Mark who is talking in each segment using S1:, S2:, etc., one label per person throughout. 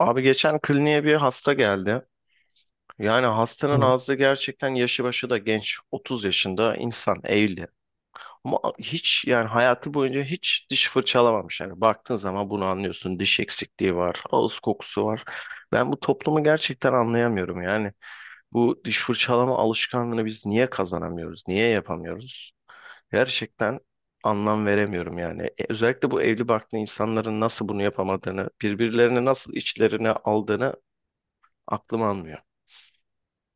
S1: Abi geçen kliniğe bir hasta geldi. Yani hastanın
S2: Evet.
S1: ağzı gerçekten yaşı başı da genç. 30 yaşında insan evli. Ama hiç yani hayatı boyunca hiç diş fırçalamamış. Yani baktığın zaman bunu anlıyorsun. Diş eksikliği var, ağız kokusu var. Ben bu toplumu gerçekten anlayamıyorum yani. Bu diş fırçalama alışkanlığını biz niye kazanamıyoruz? Niye yapamıyoruz? Gerçekten anlam veremiyorum yani. Özellikle bu evli barklı insanların nasıl bunu yapamadığını, birbirlerini nasıl içlerine aldığını aklım almıyor.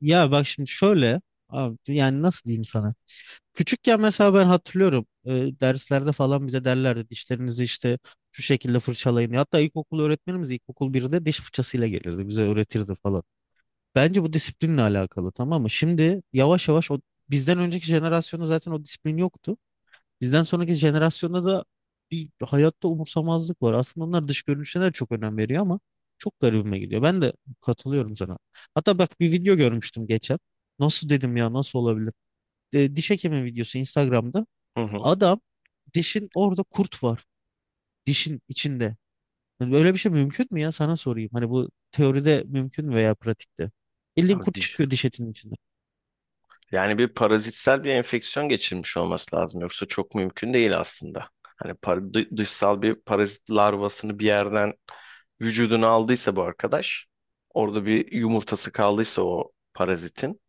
S2: Ya bak şimdi şöyle abi, yani nasıl diyeyim sana? Küçükken mesela ben hatırlıyorum derslerde falan bize derlerdi dişlerinizi işte şu şekilde fırçalayın. Hatta ilkokul öğretmenimiz ilkokul 1'de diş fırçasıyla gelirdi bize öğretirdi falan. Bence bu disiplinle alakalı, tamam mı? Şimdi yavaş yavaş o bizden önceki jenerasyonda zaten o disiplin yoktu. Bizden sonraki jenerasyonda da bir hayatta umursamazlık var. Aslında onlar dış görünüşüne de çok önem veriyor ama çok garibime gidiyor. Ben de katılıyorum sana. Hatta bak, bir video görmüştüm geçen. Nasıl dedim ya, nasıl olabilir? Diş hekimi videosu Instagram'da.
S1: Hı hı.
S2: Adam, dişin orada kurt var. Dişin içinde. Yani böyle bir şey mümkün mü ya? Sana sorayım. Hani bu teoride mümkün mü veya pratikte?
S1: Ya
S2: Bildiğin kurt
S1: diş-
S2: çıkıyor diş etinin içinde.
S1: Yani bir parazitsel bir enfeksiyon geçirmiş olması lazım. Yoksa çok mümkün değil aslında. Hani dışsal bir parazit larvasını bir yerden vücuduna aldıysa bu arkadaş, orada bir yumurtası kaldıysa o parazitin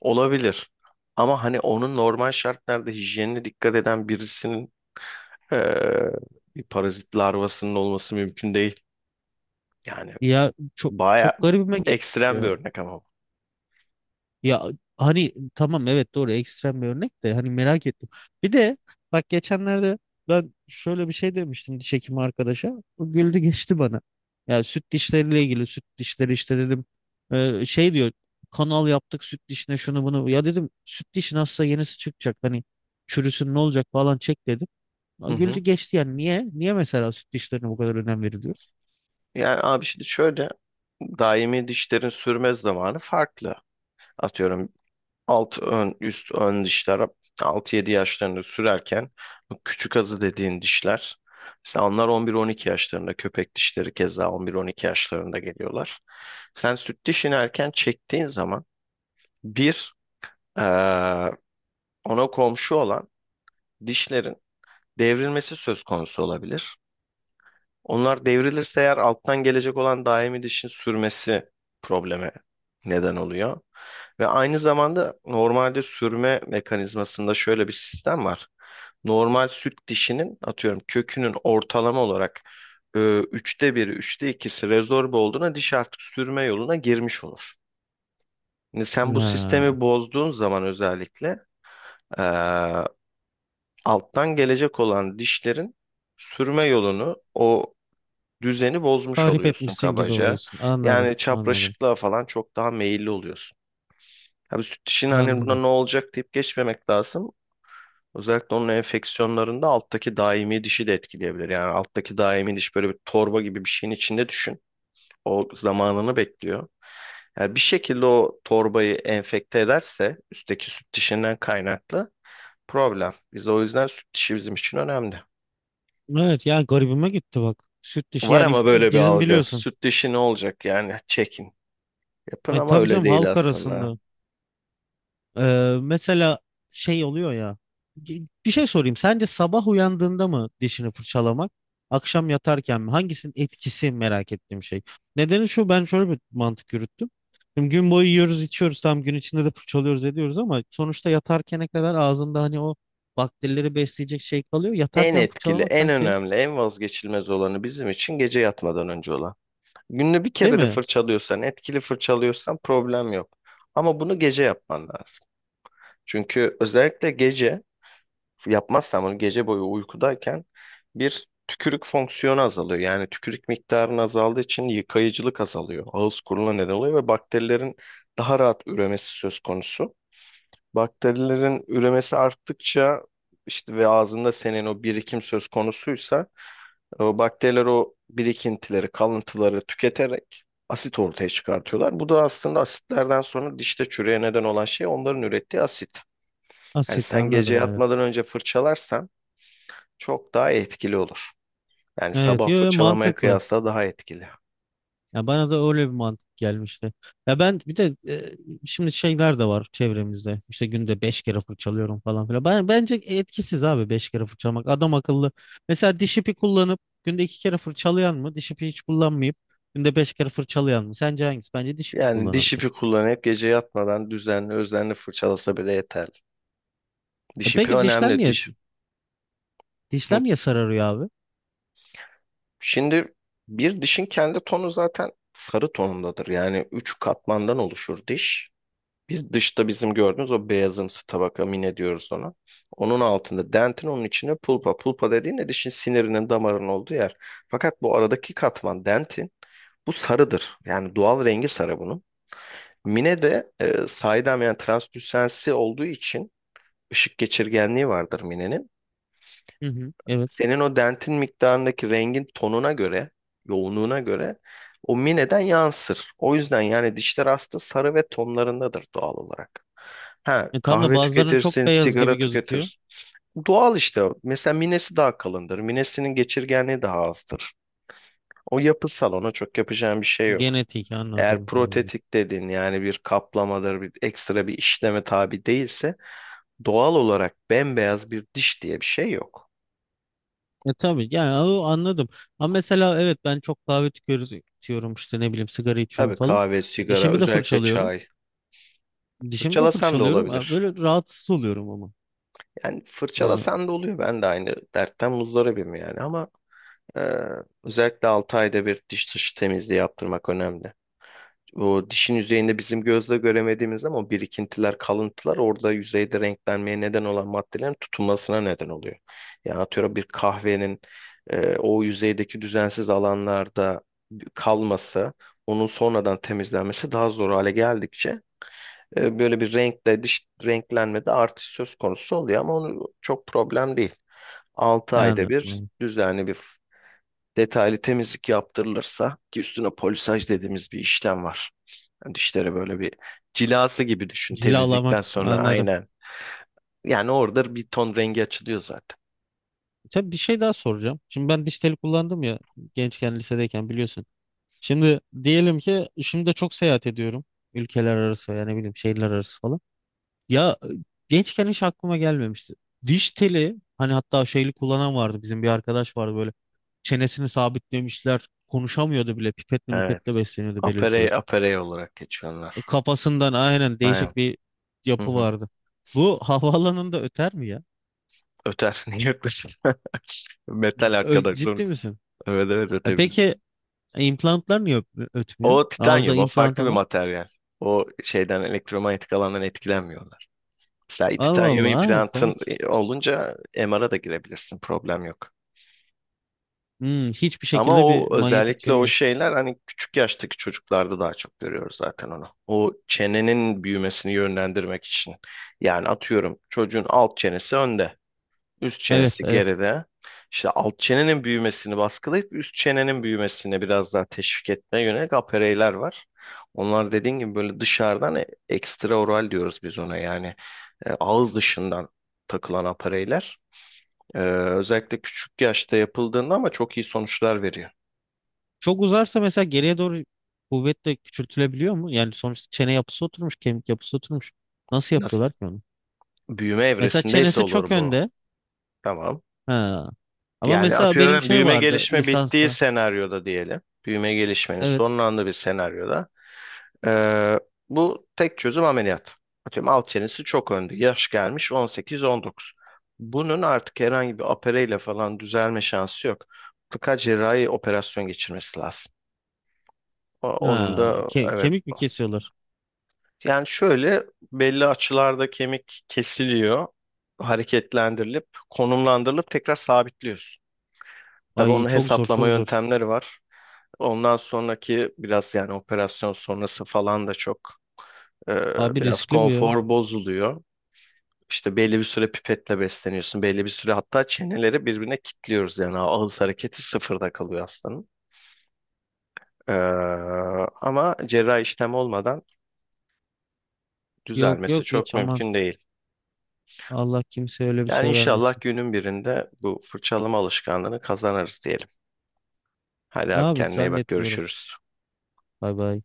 S1: olabilir. Ama hani onun normal şartlarda hijyenine dikkat eden birisinin eee, bir parazit larvasının olması mümkün değil. Yani
S2: Ya çok
S1: baya
S2: çok garibime gitti
S1: ekstrem bir
S2: ya.
S1: örnek ama.
S2: Ya hani tamam, evet doğru, ekstrem bir örnek de hani merak ettim. Bir de bak geçenlerde ben şöyle bir şey demiştim diş hekimi arkadaşa. O güldü geçti bana. Ya süt dişleriyle ilgili, süt dişleri işte dedim. Şey diyor, kanal yaptık süt dişine şunu bunu. Ya dedim süt dişin hasta, yenisi çıkacak hani, çürüsün ne olacak falan, çek dedim. Ya
S1: Hı
S2: güldü
S1: hı.
S2: geçti. Yani niye? Niye mesela süt dişlerine bu kadar önem veriliyor?
S1: Yani abi şimdi şöyle daimi dişlerin sürme zamanı farklı. Atıyorum alt ön üst ön dişler 6 yedi yaşlarında sürerken bu küçük azı dediğin dişler mesela onlar 11-12 yaşlarında, köpek dişleri keza 11-12 yaşlarında geliyorlar. Sen süt dişini erken çektiğin zaman bir eee, ona komşu olan dişlerin devrilmesi söz konusu olabilir. Onlar devrilirse eğer alttan gelecek olan daimi dişin sürmesi probleme neden oluyor. Ve aynı zamanda normalde sürme mekanizmasında şöyle bir sistem var. Normal süt dişinin atıyorum kökünün ortalama olarak üçte biri, üçte ikisi rezorbe olduğuna diş artık sürme yoluna girmiş olur. Şimdi sen bu
S2: Ha,
S1: sistemi bozduğun zaman özellikle e, alttan gelecek olan dişlerin sürme yolunu o düzeni bozmuş
S2: tahrip
S1: oluyorsun
S2: etmişsin gibi
S1: kabaca.
S2: oluyorsun. Anladım,
S1: Yani
S2: anladım,
S1: çapraşıklığa falan çok daha meyilli oluyorsun. Tabii süt dişinin hani buna
S2: anladım.
S1: ne olacak deyip geçmemek lazım. Özellikle onun enfeksiyonlarında alttaki daimi dişi de etkileyebilir. Yani alttaki daimi diş böyle bir torba gibi bir şeyin içinde düşün. O zamanını bekliyor. Yani bir şekilde o torbayı enfekte ederse üstteki süt dişinden kaynaklı problem. Biz o yüzden süt dişi bizim için önemli.
S2: Evet ya, garibime gitti bak. Süt dişi
S1: Var
S2: yani
S1: ama böyle bir
S2: bizim
S1: algı.
S2: biliyorsun.
S1: Süt dişi ne olacak yani çekin. Yapın
S2: Ay,
S1: ama
S2: tabii
S1: öyle
S2: canım,
S1: değil
S2: halk
S1: aslında.
S2: arasında. Mesela şey oluyor ya. Bir şey sorayım. Sence sabah uyandığında mı dişini fırçalamak? Akşam yatarken mi? Hangisinin etkisi, merak ettiğim şey. Nedeni şu, ben şöyle bir mantık yürüttüm. Şimdi gün boyu yiyoruz içiyoruz, tam gün içinde de fırçalıyoruz ediyoruz ama sonuçta yatarkene kadar ağzında hani o bakterileri besleyecek şey kalıyor.
S1: En
S2: Yatarken
S1: etkili,
S2: fırçalamak
S1: en
S2: sanki,
S1: önemli, en vazgeçilmez olanı bizim için gece yatmadan önce olan. Günde bir
S2: değil
S1: kere de
S2: mi?
S1: fırçalıyorsan, etkili fırçalıyorsan problem yok. Ama bunu gece yapman lazım. Çünkü özellikle gece yapmazsan bunu gece boyu uykudayken bir tükürük fonksiyonu azalıyor. Yani tükürük miktarının azaldığı için yıkayıcılık azalıyor. Ağız kuruluğuna neden oluyor ve bakterilerin daha rahat üremesi söz konusu. Bakterilerin üremesi arttıkça işte ve ağzında senin o birikim söz konusuysa o bakteriler o birikintileri, kalıntıları tüketerek asit ortaya çıkartıyorlar. Bu da aslında asitlerden sonra dişte çürüye neden olan şey onların ürettiği asit. Yani
S2: Asit,
S1: sen gece
S2: anladım, evet.
S1: yatmadan önce fırçalarsan çok daha etkili olur. Yani
S2: Evet,
S1: sabah
S2: yo, yo,
S1: fırçalamaya
S2: mantıklı.
S1: kıyasla daha etkili.
S2: Ya bana da öyle bir mantık gelmişti. Ya ben bir de şimdi şeyler de var çevremizde. İşte günde beş kere fırçalıyorum falan filan. Ben, bence etkisiz abi beş kere fırçalamak. Adam akıllı. Mesela diş ipi kullanıp günde iki kere fırçalayan mı? Diş ipi hiç kullanmayıp günde beş kere fırçalayan mı? Sence hangisi? Bence diş ipi
S1: Yani diş
S2: kullanandır.
S1: ipi kullanıp gece yatmadan düzenli özenli fırçalasa bile yeterli.
S2: E
S1: Diş ipi
S2: peki dişler
S1: önemli.
S2: niye?
S1: Diş... Hı.
S2: Dişler niye sararıyor abi?
S1: Şimdi bir dişin kendi tonu zaten sarı tonundadır. Yani üç katmandan oluşur diş. Bir dışta bizim gördüğümüz o beyazımsı tabaka mine diyoruz ona. Onun altında dentin, onun içine pulpa. Pulpa dediğin de dişin sinirinin damarının olduğu yer. Fakat bu aradaki katman dentin bu sarıdır. Yani doğal rengi sarı bunun. Mine de saydam, yani translüsensi olduğu için ışık geçirgenliği vardır minenin.
S2: Hı hı, evet.
S1: Senin o dentin miktarındaki rengin tonuna göre, yoğunluğuna göre o mineden yansır. O yüzden yani dişler aslında sarı ve tonlarındadır doğal olarak. Ha,
S2: E, tam da
S1: kahve
S2: bazılarının çok
S1: tüketirsin,
S2: beyaz gibi
S1: sigara
S2: gözüküyor.
S1: tüketirsin. Doğal işte. Mesela minesi daha kalındır. Minesinin geçirgenliği daha azdır. O yapısal, ona çok yapacağın bir şey yok.
S2: Genetik,
S1: Eğer
S2: anladım. Hmm.
S1: protetik dedin, yani bir kaplamadır, bir ekstra bir işleme tabi değilse doğal olarak bembeyaz bir diş diye bir şey yok.
S2: E tabii yani o, anladım. Ama mesela evet, ben çok kahve tüketiyorum, işte ne bileyim sigara içiyorum
S1: Tabii
S2: falan.
S1: kahve, sigara,
S2: Dişimi de
S1: özellikle
S2: fırçalıyorum.
S1: çay.
S2: Dişimi de
S1: Fırçalasan da
S2: fırçalıyorum.
S1: olabilir.
S2: Böyle rahatsız oluyorum ama.
S1: Yani
S2: Ha,
S1: fırçalasan da oluyor. Ben de aynı dertten muzdaribim yani. Ama e, özellikle 6 ayda bir diş dışı temizliği yaptırmak önemli. O dişin yüzeyinde bizim gözle göremediğimiz ama o birikintiler, kalıntılar orada yüzeyde renklenmeye neden olan maddelerin tutunmasına neden oluyor. Yani atıyorum bir kahvenin o yüzeydeki düzensiz alanlarda kalması, onun sonradan temizlenmesi daha zor hale geldikçe E, böyle bir renkle dış renklenmede artış söz konusu oluyor, ama onu çok problem değil. Altı
S2: yani
S1: ayda bir
S2: anladım.
S1: düzenli bir detaylı temizlik yaptırılırsa ki üstüne polisaj dediğimiz bir işlem var. Yani dişlere böyle bir cilası gibi düşün temizlikten
S2: Cilalamak,
S1: sonra,
S2: anladım.
S1: aynen. Yani orada bir ton rengi açılıyor zaten.
S2: Tabii, bir şey daha soracağım. Şimdi ben diş teli kullandım ya, gençken lisedeyken biliyorsun. Şimdi diyelim ki şimdi de çok seyahat ediyorum. Ülkeler arası yani, ne bileyim, şehirler arası falan. Ya gençken hiç aklıma gelmemişti. Diş teli hani, hatta şeyli kullanan vardı, bizim bir arkadaş vardı, böyle çenesini sabitlemişler, konuşamıyordu bile, pipetle
S1: Evet.
S2: mipetle besleniyordu belli bir süre.
S1: Aperey, aperey olarak geçiyorlar.
S2: Kafasından aynen
S1: Aynen.
S2: değişik bir
S1: Hı
S2: yapı
S1: hı.
S2: vardı. Bu havaalanında öter mi ya?
S1: Öter. Niye ötmesin? Metal arkadaş
S2: Ciddi
S1: sonuç.
S2: misin?
S1: Evet, evet,
S2: E
S1: ötebilir.
S2: peki implantlar niye ötmüyor?
S1: O
S2: Ağızda
S1: titanyum, o
S2: implant
S1: farklı bir
S2: olan.
S1: materyal. O şeyden, elektromanyetik alandan etkilenmiyorlar. Mesela
S2: Allah
S1: titanyum
S2: Allah, ha,
S1: implantın
S2: komik.
S1: olunca MR'a da girebilirsin, problem yok.
S2: Hmm, hiçbir
S1: Ama
S2: şekilde bir
S1: o
S2: manyetik
S1: özellikle
S2: şey
S1: o
S2: yok.
S1: şeyler hani küçük yaştaki çocuklarda daha çok görüyoruz zaten onu. O çenenin büyümesini yönlendirmek için. Yani atıyorum çocuğun alt çenesi önde. Üst
S2: Evet,
S1: çenesi
S2: evet.
S1: geride. İşte alt çenenin büyümesini baskılayıp üst çenenin büyümesine biraz daha teşvik etmeye yönelik apereyler var. Onlar dediğin gibi böyle dışarıdan ekstraoral diyoruz biz ona, yani ağız dışından takılan apereyler, E, özellikle küçük yaşta yapıldığında ama çok iyi sonuçlar veriyor.
S2: Çok uzarsa mesela geriye doğru kuvvet de küçültülebiliyor mu? Yani sonuçta çene yapısı oturmuş, kemik yapısı oturmuş. Nasıl
S1: Nasıl?
S2: yapıyorlar ki onu?
S1: Büyüme
S2: Mesela
S1: evresindeyse
S2: çenesi çok
S1: olur bu.
S2: önde.
S1: Tamam.
S2: Ha. Ama
S1: Yani
S2: mesela benim
S1: atıyorum
S2: şey
S1: büyüme
S2: vardı
S1: gelişme bittiği
S2: lisansa.
S1: senaryoda diyelim. Büyüme gelişmenin
S2: Evet.
S1: sonlandığı bir senaryoda Ee, bu tek çözüm ameliyat. Atıyorum alt çenesi çok önde. Yaş gelmiş 18-19. Bunun artık herhangi bir opereyle falan düzelme şansı yok. Mutlaka cerrahi operasyon geçirmesi lazım. Onun
S2: Ha.
S1: da evet.
S2: Kemik mi kesiyorlar?
S1: Yani şöyle, belli açılarda kemik kesiliyor. Hareketlendirilip, konumlandırılıp tekrar sabitliyorsun. Tabii
S2: Ay
S1: onun
S2: çok zor,
S1: hesaplama
S2: çok zor.
S1: yöntemleri var. Ondan sonraki biraz yani operasyon sonrası falan da çok e,
S2: Abi
S1: biraz
S2: riskli bu ya.
S1: konfor bozuluyor. İşte belli bir süre pipetle besleniyorsun. Belli bir süre hatta çeneleri birbirine kilitliyoruz. Yani ağız hareketi sıfırda kalıyor hastanın. Ee, ama cerrahi işlem olmadan
S2: Yok
S1: düzelmesi
S2: yok,
S1: çok
S2: hiç aman.
S1: mümkün değil.
S2: Allah kimseye öyle bir
S1: Yani
S2: şey
S1: inşallah
S2: vermesin.
S1: günün birinde bu fırçalama alışkanlığını kazanırız diyelim. Hadi abi
S2: Abi
S1: kendine iyi bak,
S2: zannetmiyorum.
S1: görüşürüz.
S2: Bay bay.